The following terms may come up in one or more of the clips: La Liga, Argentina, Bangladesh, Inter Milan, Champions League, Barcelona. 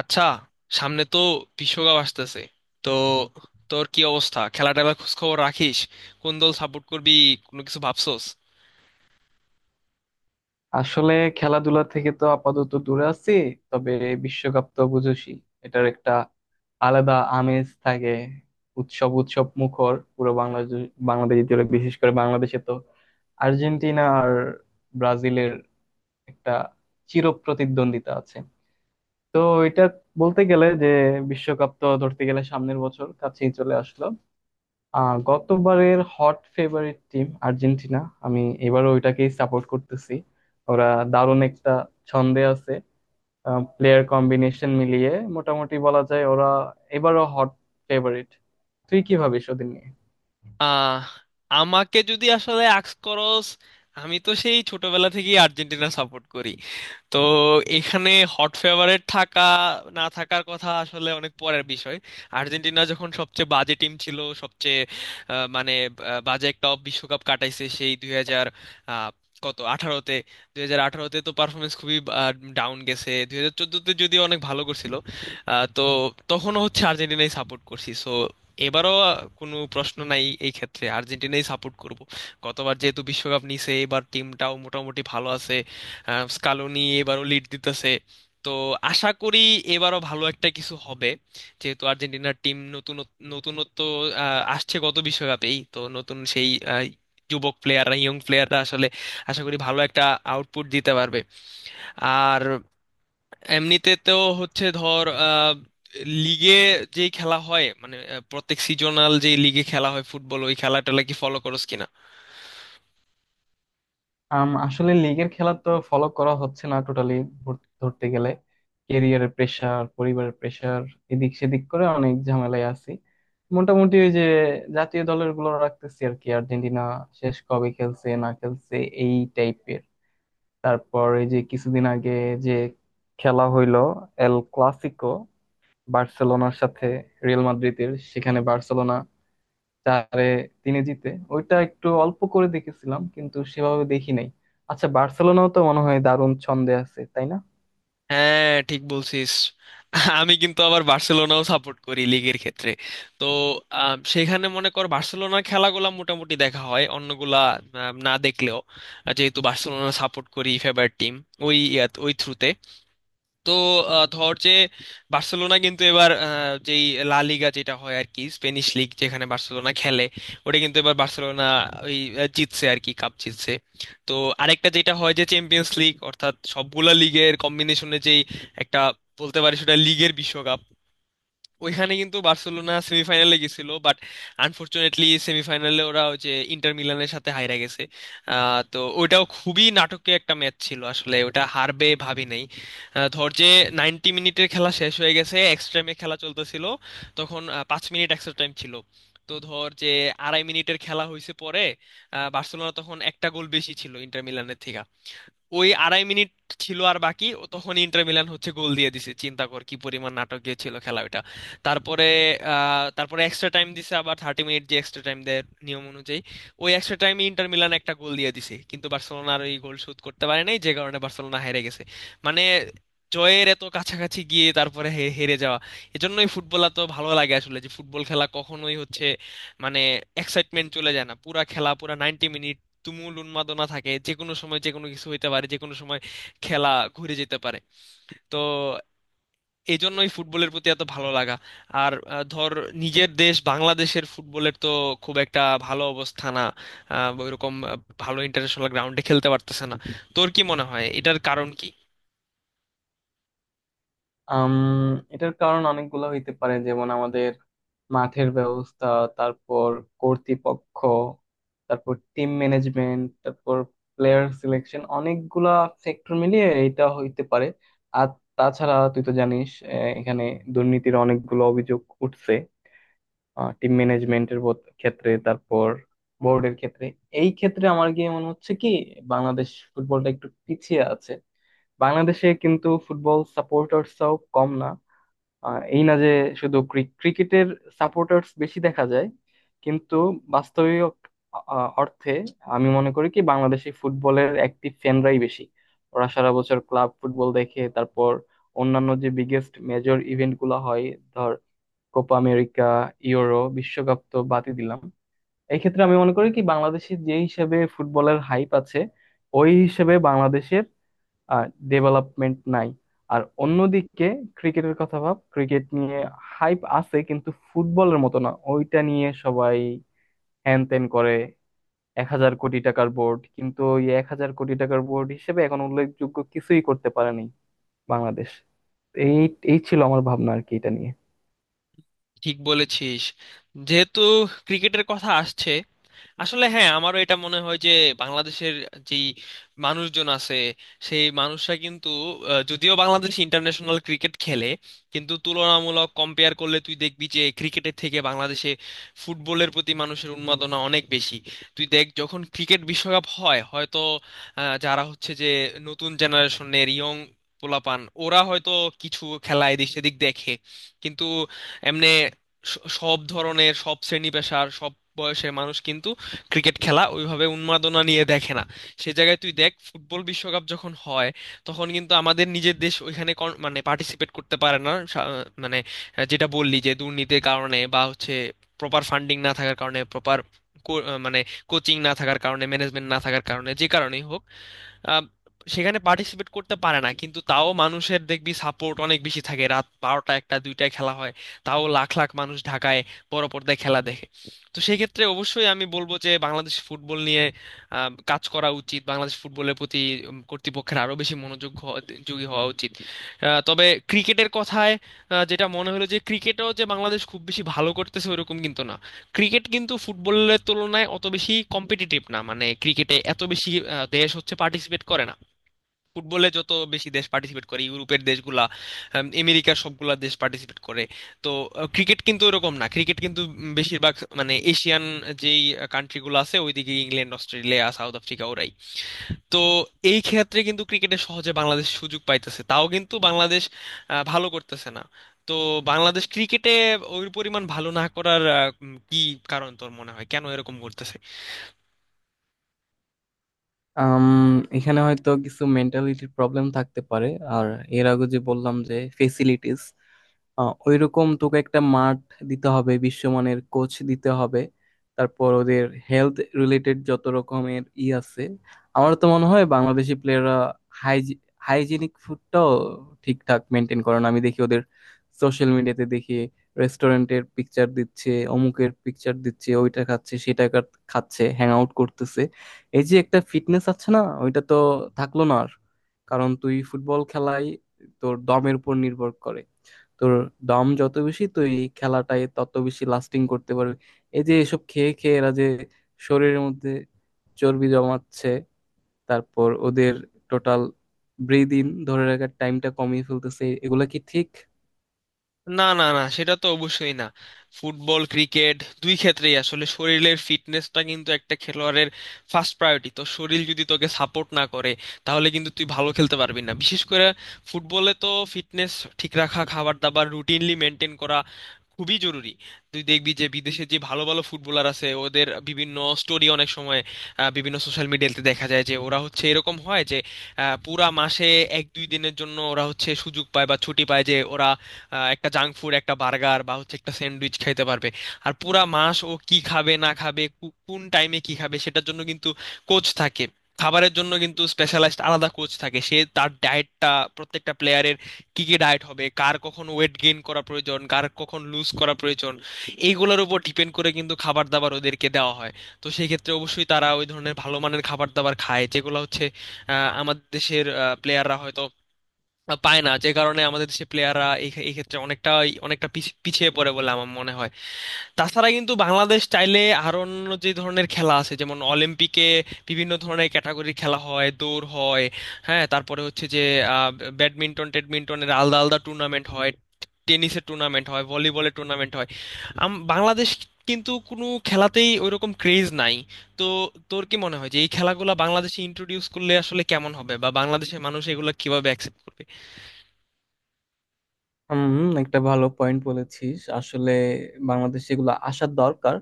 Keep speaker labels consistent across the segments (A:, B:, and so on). A: আচ্ছা, সামনে তো বিশ্বকাপ আসতেছে। তো তোর কি অবস্থা? খেলা টেলার খোঁজ খবর রাখিস? কোন দল সাপোর্ট করবি? কোনো কিছু ভাবছোস?
B: আসলে খেলাধুলা থেকে তো আপাতত দূরে আছি। তবে বিশ্বকাপ তো বুঝোসই, এটার একটা আলাদা আমেজ থাকে। উৎসব উৎসব মুখর পুরো বাংলাদেশ বাংলাদেশ জুড়ে, বিশেষ করে বাংলাদেশে তো আর্জেন্টিনা আর ব্রাজিলের একটা চিরপ্রতিদ্বন্দ্বিতা আছে। তো এটা বলতে গেলে যে বিশ্বকাপ তো ধরতে গেলে সামনের বছর কাছেই চলে আসলো। গতবারের হট ফেভারিট টিম আর্জেন্টিনা, আমি এবারও ওইটাকেই সাপোর্ট করতেছি। ওরা দারুণ একটা ছন্দে আছে, প্লেয়ার কম্বিনেশন মিলিয়ে মোটামুটি বলা যায় ওরা এবারও হট ফেভারিট। তুই কি ভাবিস ওদের নিয়ে?
A: আহ আমাকে যদি আসলে আক্স করস, আমি তো সেই ছোটবেলা থেকেই আর্জেন্টিনা সাপোর্ট করি। তো এখানে হট ফেভারিট থাকা না থাকার কথা আসলে অনেক পরের বিষয়। আর্জেন্টিনা যখন সবচেয়ে বাজে টিম ছিল, সবচেয়ে মানে বাজে একটা বিশ্বকাপ কাটাইছে সেই দুই হাজার আহ, কত আঠারোতে, 2018তে তো পারফরমেন্স খুবই ডাউন গেছে, 2014তে যদিও অনেক ভালো করছিল। তো তখনও হচ্ছে আর্জেন্টিনাই সাপোর্ট করছি। সো এবারও কোনো প্রশ্ন নাই এই ক্ষেত্রে, আর্জেন্টিনাই সাপোর্ট করব। গতবার যেহেতু বিশ্বকাপ নিছে, এবার টিমটাও মোটামুটি ভালো আছে। স্কালোনি এবারও লিড দিতেছে। তো আশা করি এবারও ভালো একটা কিছু হবে। যেহেতু আর্জেন্টিনার টিম নতুন, নতুনত্ব আসছে গত বিশ্বকাপেই, তো নতুন সেই যুবক প্লেয়াররা, ইয়ং প্লেয়াররা আসলে আশা করি ভালো একটা আউটপুট দিতে পারবে। আর এমনিতে তো হচ্ছে ধর লিগে যে খেলা হয় মানে প্রত্যেক সিজনাল যে লিগে খেলা হয় ফুটবল, ওই খেলাটা কি ফলো করোস কিনা?
B: আসলে লিগের খেলা তো ফলো করা হচ্ছে না টোটালি, ধরতে গেলে। ক্যারিয়ারের প্রেসার, পরিবারের প্রেসার, এদিক সেদিক করে অনেক ঝামেলায় আছি। মোটামুটি ওই যে জাতীয় দলের গুলো রাখতেছি আর কি, আর্জেন্টিনা শেষ কবে খেলছে না খেলছে এই টাইপের। তারপর এই যে কিছুদিন আগে যে খেলা হইলো এল ক্লাসিকো, বার্সেলোনার সাথে রিয়াল মাদ্রিদের, সেখানে বার্সেলোনা 4-3 জিতে, ওইটা একটু অল্প করে দেখেছিলাম কিন্তু সেভাবে দেখি নাই। আচ্ছা, বার্সেলোনাও তো মনে হয় দারুণ ছন্দে আছে, তাই না?
A: হ্যাঁ, ঠিক বলছিস। আমি কিন্তু আবার বার্সেলোনাও সাপোর্ট করি লিগের ক্ষেত্রে। তো সেখানে মনে কর বার্সেলোনার খেলাগুলা মোটামুটি দেখা হয়, অন্যগুলা না দেখলেও যেহেতু বার্সেলোনা সাপোর্ট করি ফেভারিট টিম, ওই ওই থ্রুতে। তো ধর যে বার্সেলোনা কিন্তু এবার যেই লা লিগা যেটা হয় আর কি, স্পেনিশ লিগ যেখানে বার্সেলোনা খেলে, ওটা কিন্তু এবার বার্সেলোনা ওই জিতছে আর কি, কাপ জিতছে। তো আরেকটা যেটা হয় যে চ্যাম্পিয়ন্স লিগ, অর্থাৎ সবগুলা লিগের কম্বিনেশনে যেই একটা বলতে পারি সেটা লিগের বিশ্বকাপ। ওইখানে কিন্তু বার্সেলোনা সেমিফাইনালে গেছিল বাট আনফরচুনেটলি সেমিফাইনালে ওরা ওই যে ইন্টার মিলানের সাথে হাইরা গেছে। তো ওইটাও খুবই নাটকীয় একটা ম্যাচ ছিল আসলে, ওটা হারবে ভাবি নাই। ধর যে 90 মিনিটের খেলা শেষ হয়ে গেছে, এক্সট্রা টাইমে খেলা চলতেছিল। তখন 5 মিনিট এক্সট্রা টাইম ছিল। তো ধর যে 2.5 মিনিটের খেলা হয়েছে পরে, বার্সেলোনা তখন একটা গোল বেশি ছিল ইন্টার মিলানের থেকে। ওই 2.5 মিনিট ছিল আর বাকি, ও তখন ইন্টার মিলান হচ্ছে গোল দিয়ে দিছে। চিন্তা কর কি পরিমাণ নাটকীয় ছিল খেলা ওটা। তারপরে তারপরে এক্সট্রা টাইম দিছে আবার 30 মিনিট, যে এক্সট্রা টাইম দেয় নিয়ম অনুযায়ী। ওই এক্সট্রা টাইমে ইন্টার মিলান একটা গোল দিয়ে দিছে কিন্তু বার্সেলোনার ওই গোল শোধ করতে পারে নাই, যে কারণে বার্সেলোনা হেরে গেছে। মানে জয়ের এত কাছাকাছি গিয়ে তারপরে হেরে যাওয়া। এজন্যই ফুটবল এত ভালো লাগে আসলে, যে ফুটবল খেলা কখনোই হচ্ছে মানে এক্সাইটমেন্ট চলে যায় না পুরা খেলা পুরা 90 মিনিট। তুমুল উন্মাদনা থাকে, যে কোনো সময় যে কোনো কিছু হইতে পারে, যে কোনো সময় খেলা ঘুরে যেতে পারে। তো এই জন্যই ফুটবলের প্রতি এত ভালো লাগা। আর ধর নিজের দেশ বাংলাদেশের ফুটবলের তো খুব একটা ভালো অবস্থা না। ওইরকম ভালো ইন্টারন্যাশনাল গ্রাউন্ডে খেলতে পারতেছে না। তোর কি মনে হয় এটার কারণ কি?
B: আম, এটার কারণ অনেকগুলো হইতে পারে, যেমন আমাদের মাঠের ব্যবস্থা, তারপর কর্তৃপক্ষ, তারপর টিম ম্যানেজমেন্ট, তারপর প্লেয়ার সিলেকশন, অনেকগুলা ফ্যাক্টর মিলিয়ে এটা হইতে পারে। আর তাছাড়া তুই তো জানিস এখানে দুর্নীতির অনেকগুলো অভিযোগ উঠছে, টিম ম্যানেজমেন্টের ক্ষেত্রে, তারপর বোর্ডের ক্ষেত্রে। এই ক্ষেত্রে আমার গিয়ে মনে হচ্ছে কি বাংলাদেশ ফুটবলটা একটু পিছিয়ে আছে। বাংলাদেশে কিন্তু ফুটবল সাপোর্টার্সরাও কম না। এই না যে শুধু ক্রিকেটের সাপোর্টার্স বেশি দেখা যায়, কিন্তু বাস্তবিক অর্থে আমি মনে করি কি বাংলাদেশি ফুটবলের অ্যাক্টিভ ফ্যানরাই বেশি। ওরা সারা বছর ক্লাব ফুটবল দেখে, তারপর অন্যান্য যে বিগেস্ট মেজর ইভেন্ট গুলো হয়, ধর কোপা আমেরিকা, ইউরো, বিশ্বকাপ তো বাদই দিলাম। এই ক্ষেত্রে আমি মনে করি কি বাংলাদেশে যে হিসেবে ফুটবলের হাইপ আছে, ওই হিসেবে বাংলাদেশের ডেভেলপমেন্ট নাই। আর অন্যদিকে ক্রিকেটের কথা ভাব, ক্রিকেট নিয়ে হাইপ আছে কিন্তু ফুটবলের মতো না, ওইটা নিয়ে সবাই হ্যান ত্যান করে। 1000 কোটি টাকার বোর্ড, কিন্তু ওই 1000 কোটি টাকার বোর্ড হিসেবে এখন উল্লেখযোগ্য কিছুই করতে পারেনি বাংলাদেশ। এই এই ছিল আমার ভাবনা আর কি এটা নিয়ে।
A: ঠিক বলেছিস। যেহেতু ক্রিকেটের কথা আসছে, আসলে হ্যাঁ আমারও এটা মনে হয় যে বাংলাদেশের যেই মানুষজন আছে সেই মানুষরা কিন্তু যদিও বাংলাদেশ ইন্টারন্যাশনাল ক্রিকেট খেলে কিন্তু তুলনামূলক কম্পেয়ার করলে তুই দেখবি যে ক্রিকেটের থেকে বাংলাদেশে ফুটবলের প্রতি মানুষের উন্মাদনা অনেক বেশি। তুই দেখ যখন ক্রিকেট বিশ্বকাপ হয় হয়তো যারা হচ্ছে যে নতুন জেনারেশনের ইয়ং পোলাপান ওরা হয়তো কিছু খেলা এদিক সেদিক দেখে, কিন্তু এমনি সব ধরনের সব শ্রেণী পেশার সব বয়সের মানুষ কিন্তু ক্রিকেট খেলা ওইভাবে উন্মাদনা নিয়ে দেখে না। সে জায়গায় তুই দেখ ফুটবল বিশ্বকাপ যখন হয় তখন কিন্তু আমাদের নিজের দেশ ওইখানে মানে পার্টিসিপেট করতে পারে না, মানে যেটা বললি যে দুর্নীতির কারণে বা হচ্ছে প্রপার ফান্ডিং না থাকার কারণে প্রপার মানে কোচিং না থাকার কারণে ম্যানেজমেন্ট না থাকার কারণে যে কারণেই হোক আহ, সেখানে পার্টিসিপেট করতে পারে না। কিন্তু তাও মানুষের দেখবি সাপোর্ট অনেক বেশি থাকে, রাত 12টা, 1টা, 2টায় খেলা হয় তাও লাখ লাখ মানুষ ঢাকায় বড় পর্দায় খেলা দেখে। তো সেই ক্ষেত্রে অবশ্যই আমি বলবো যে বাংলাদেশ ফুটবল নিয়ে কাজ করা উচিত, বাংলাদেশ ফুটবলের প্রতি কর্তৃপক্ষের আরো বেশি মনোযোগ যোগী হওয়া উচিত। তবে ক্রিকেটের কথায় যেটা মনে হলো যে ক্রিকেটও যে বাংলাদেশ খুব বেশি ভালো করতেছে ওরকম কিন্তু না। ক্রিকেট কিন্তু ফুটবলের তুলনায় অত বেশি কম্পিটিটিভ না, মানে ক্রিকেটে এত বেশি দেশ হচ্ছে পার্টিসিপেট করে না। ফুটবলে যত বেশি দেশ পার্টিসিপেট করে ইউরোপের দেশগুলা, আমেরিকার সবগুলা দেশ পার্টিসিপেট করে। তো ক্রিকেট কিন্তু এরকম না, ক্রিকেট কিন্তু বেশিরভাগ মানে এশিয়ান যেই কান্ট্রিগুলো আছে ওইদিকে ইংল্যান্ড, অস্ট্রেলিয়া, সাউথ আফ্রিকা ওরাই। তো এই ক্ষেত্রে কিন্তু ক্রিকেটে সহজে বাংলাদেশ সুযোগ পাইতেছে তাও কিন্তু বাংলাদেশ ভালো করতেছে না। তো বাংলাদেশ ক্রিকেটে ওই পরিমাণ ভালো না করার কি কারণ তোর মনে হয়, কেন এরকম করতেছে?
B: আম, এখানে হয়তো কিছু মেন্টালিটির প্রবলেম থাকতে পারে। আর এর আগে যে বললাম যে ফেসিলিটিস, ওইরকম তোকে একটা মাঠ দিতে হবে, বিশ্বমানের কোচ দিতে হবে, তারপর ওদের হেলথ রিলেটেড যত রকমের ই আছে। আমার তো মনে হয় বাংলাদেশি প্লেয়াররা হাইজিনিক ফুডটাও ঠিকঠাক মেনটেন করে না। আমি দেখি ওদের, সোশ্যাল মিডিয়াতে দেখি রেস্টুরেন্টের পিকচার দিচ্ছে, অমুকের পিকচার দিচ্ছে, ওইটা খাচ্ছে, সেটা খাচ্ছে, হ্যাং আউট করতেছে। এই যে একটা ফিটনেস আছে না, ওইটা তো থাকলো না আর। কারণ তুই ফুটবল খেলাই তোর দমের উপর নির্ভর করে। তোর দম যত বেশি, তুই এই খেলাটায় তত বেশি লাস্টিং করতে পারবি। এই যে এসব খেয়ে খেয়ে এরা যে শরীরের মধ্যে চর্বি জমাচ্ছে, তারপর ওদের টোটাল ব্রিদিন ধরে রাখার টাইমটা কমিয়ে ফেলতেছে, এগুলা কি ঠিক?
A: না, না, না, সেটা তো অবশ্যই না। ফুটবল ক্রিকেট দুই ক্ষেত্রেই আসলে শরীরের ফিটনেসটা কিন্তু একটা খেলোয়াড়ের ফার্স্ট প্রায়োরিটি। তো শরীর যদি তোকে সাপোর্ট না করে তাহলে কিন্তু তুই ভালো খেলতে পারবি না, বিশেষ করে ফুটবলে তো ফিটনেস ঠিক রাখা, খাবার দাবার রুটিনলি মেনটেন করা খুবই জরুরি। তুই দেখবি যে বিদেশে যে ভালো ভালো ফুটবলার আছে ওদের বিভিন্ন স্টোরি অনেক সময় বিভিন্ন সোশ্যাল মিডিয়াতে দেখা যায় যে ওরা হচ্ছে এরকম হয় যে পুরা মাসে 1-2 দিনের জন্য ওরা হচ্ছে সুযোগ পায় বা ছুটি পায় যে ওরা একটা জাঙ্ক ফুড, একটা বার্গার বা হচ্ছে একটা স্যান্ডউইচ খাইতে পারবে। আর পুরা মাস ও কি খাবে না খাবে, কোন টাইমে কি খাবে সেটার জন্য কিন্তু কোচ থাকে। খাবারের জন্য কিন্তু স্পেশালাইজড আলাদা কোচ থাকে, সে তার ডায়েটটা প্রত্যেকটা প্লেয়ারের কি কি ডায়েট হবে, কার কখন ওয়েট গেইন করা প্রয়োজন, কার কখন লুজ করা প্রয়োজন, এইগুলোর উপর ডিপেন্ড করে কিন্তু খাবার দাবার ওদেরকে দেওয়া হয়। তো সেই ক্ষেত্রে অবশ্যই তারা ওই ধরনের ভালো মানের খাবার দাবার খায় যেগুলো হচ্ছে আমাদের দেশের প্লেয়াররা হয়তো পায় না, যে কারণে আমাদের দেশে প্লেয়াররা এই এই ক্ষেত্রে অনেকটা অনেকটা পিছিয়ে পড়ে বলে আমার মনে হয়। তাছাড়া কিন্তু বাংলাদেশ চাইলে আরো অন্য যে ধরনের খেলা আছে যেমন অলিম্পিকে বিভিন্ন ধরনের ক্যাটাগরির খেলা হয়, দৌড় হয়, হ্যাঁ, তারপরে হচ্ছে যে আহ, ব্যাডমিন্টন টেডমিন্টনের আলাদা আলাদা টুর্নামেন্ট হয়, টেনিসের টুর্নামেন্ট হয়, ভলিবলের টুর্নামেন্ট হয়। বাংলাদেশ কিন্তু কোনো খেলাতেই ওইরকম ক্রেজ নাই। তো তোর কি মনে হয় যে এই খেলাগুলো বাংলাদেশে ইন্ট্রোডিউস করলে আসলে কেমন হবে, বা বাংলাদেশের মানুষ এগুলো কিভাবে অ্যাকসেপ্ট করবে?
B: হুম, একটা ভালো পয়েন্ট বলেছিস আসলে। বাংলাদেশে এগুলো আসার দরকার,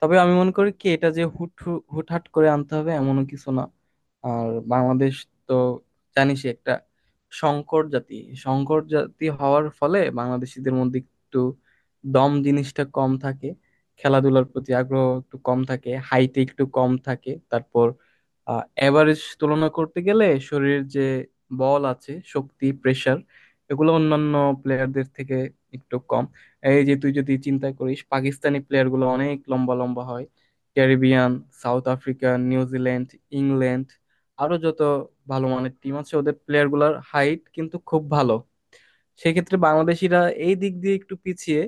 B: তবে আমি মনে করি কি এটা যে হুট হুটহাট করে আনতে হবে এমনও কিছু না। আর বাংলাদেশ তো জানিসই একটা সংকট জাতি। সংকট জাতি হওয়ার ফলে বাংলাদেশিদের মধ্যে একটু দম জিনিসটা কম থাকে, খেলাধুলার প্রতি আগ্রহ একটু কম থাকে, হাইটে একটু কম থাকে, তারপর এভারেজ তুলনা করতে গেলে শরীরের যে বল আছে, শক্তি, প্রেশার, এগুলো অন্যান্য প্লেয়ারদের থেকে একটু কম। এই যে তুই যদি চিন্তা করিস, পাকিস্তানি প্লেয়ারগুলো অনেক লম্বা লম্বা হয়, Caribbean, South Africa, New Zealand, England, আরো যত ভালো মানের টিম আছে ওদের প্লেয়ারগুলোর হাইট কিন্তু খুব ভালো। সেক্ষেত্রে বাংলাদেশিরা এই দিক দিয়ে একটু পিছিয়ে।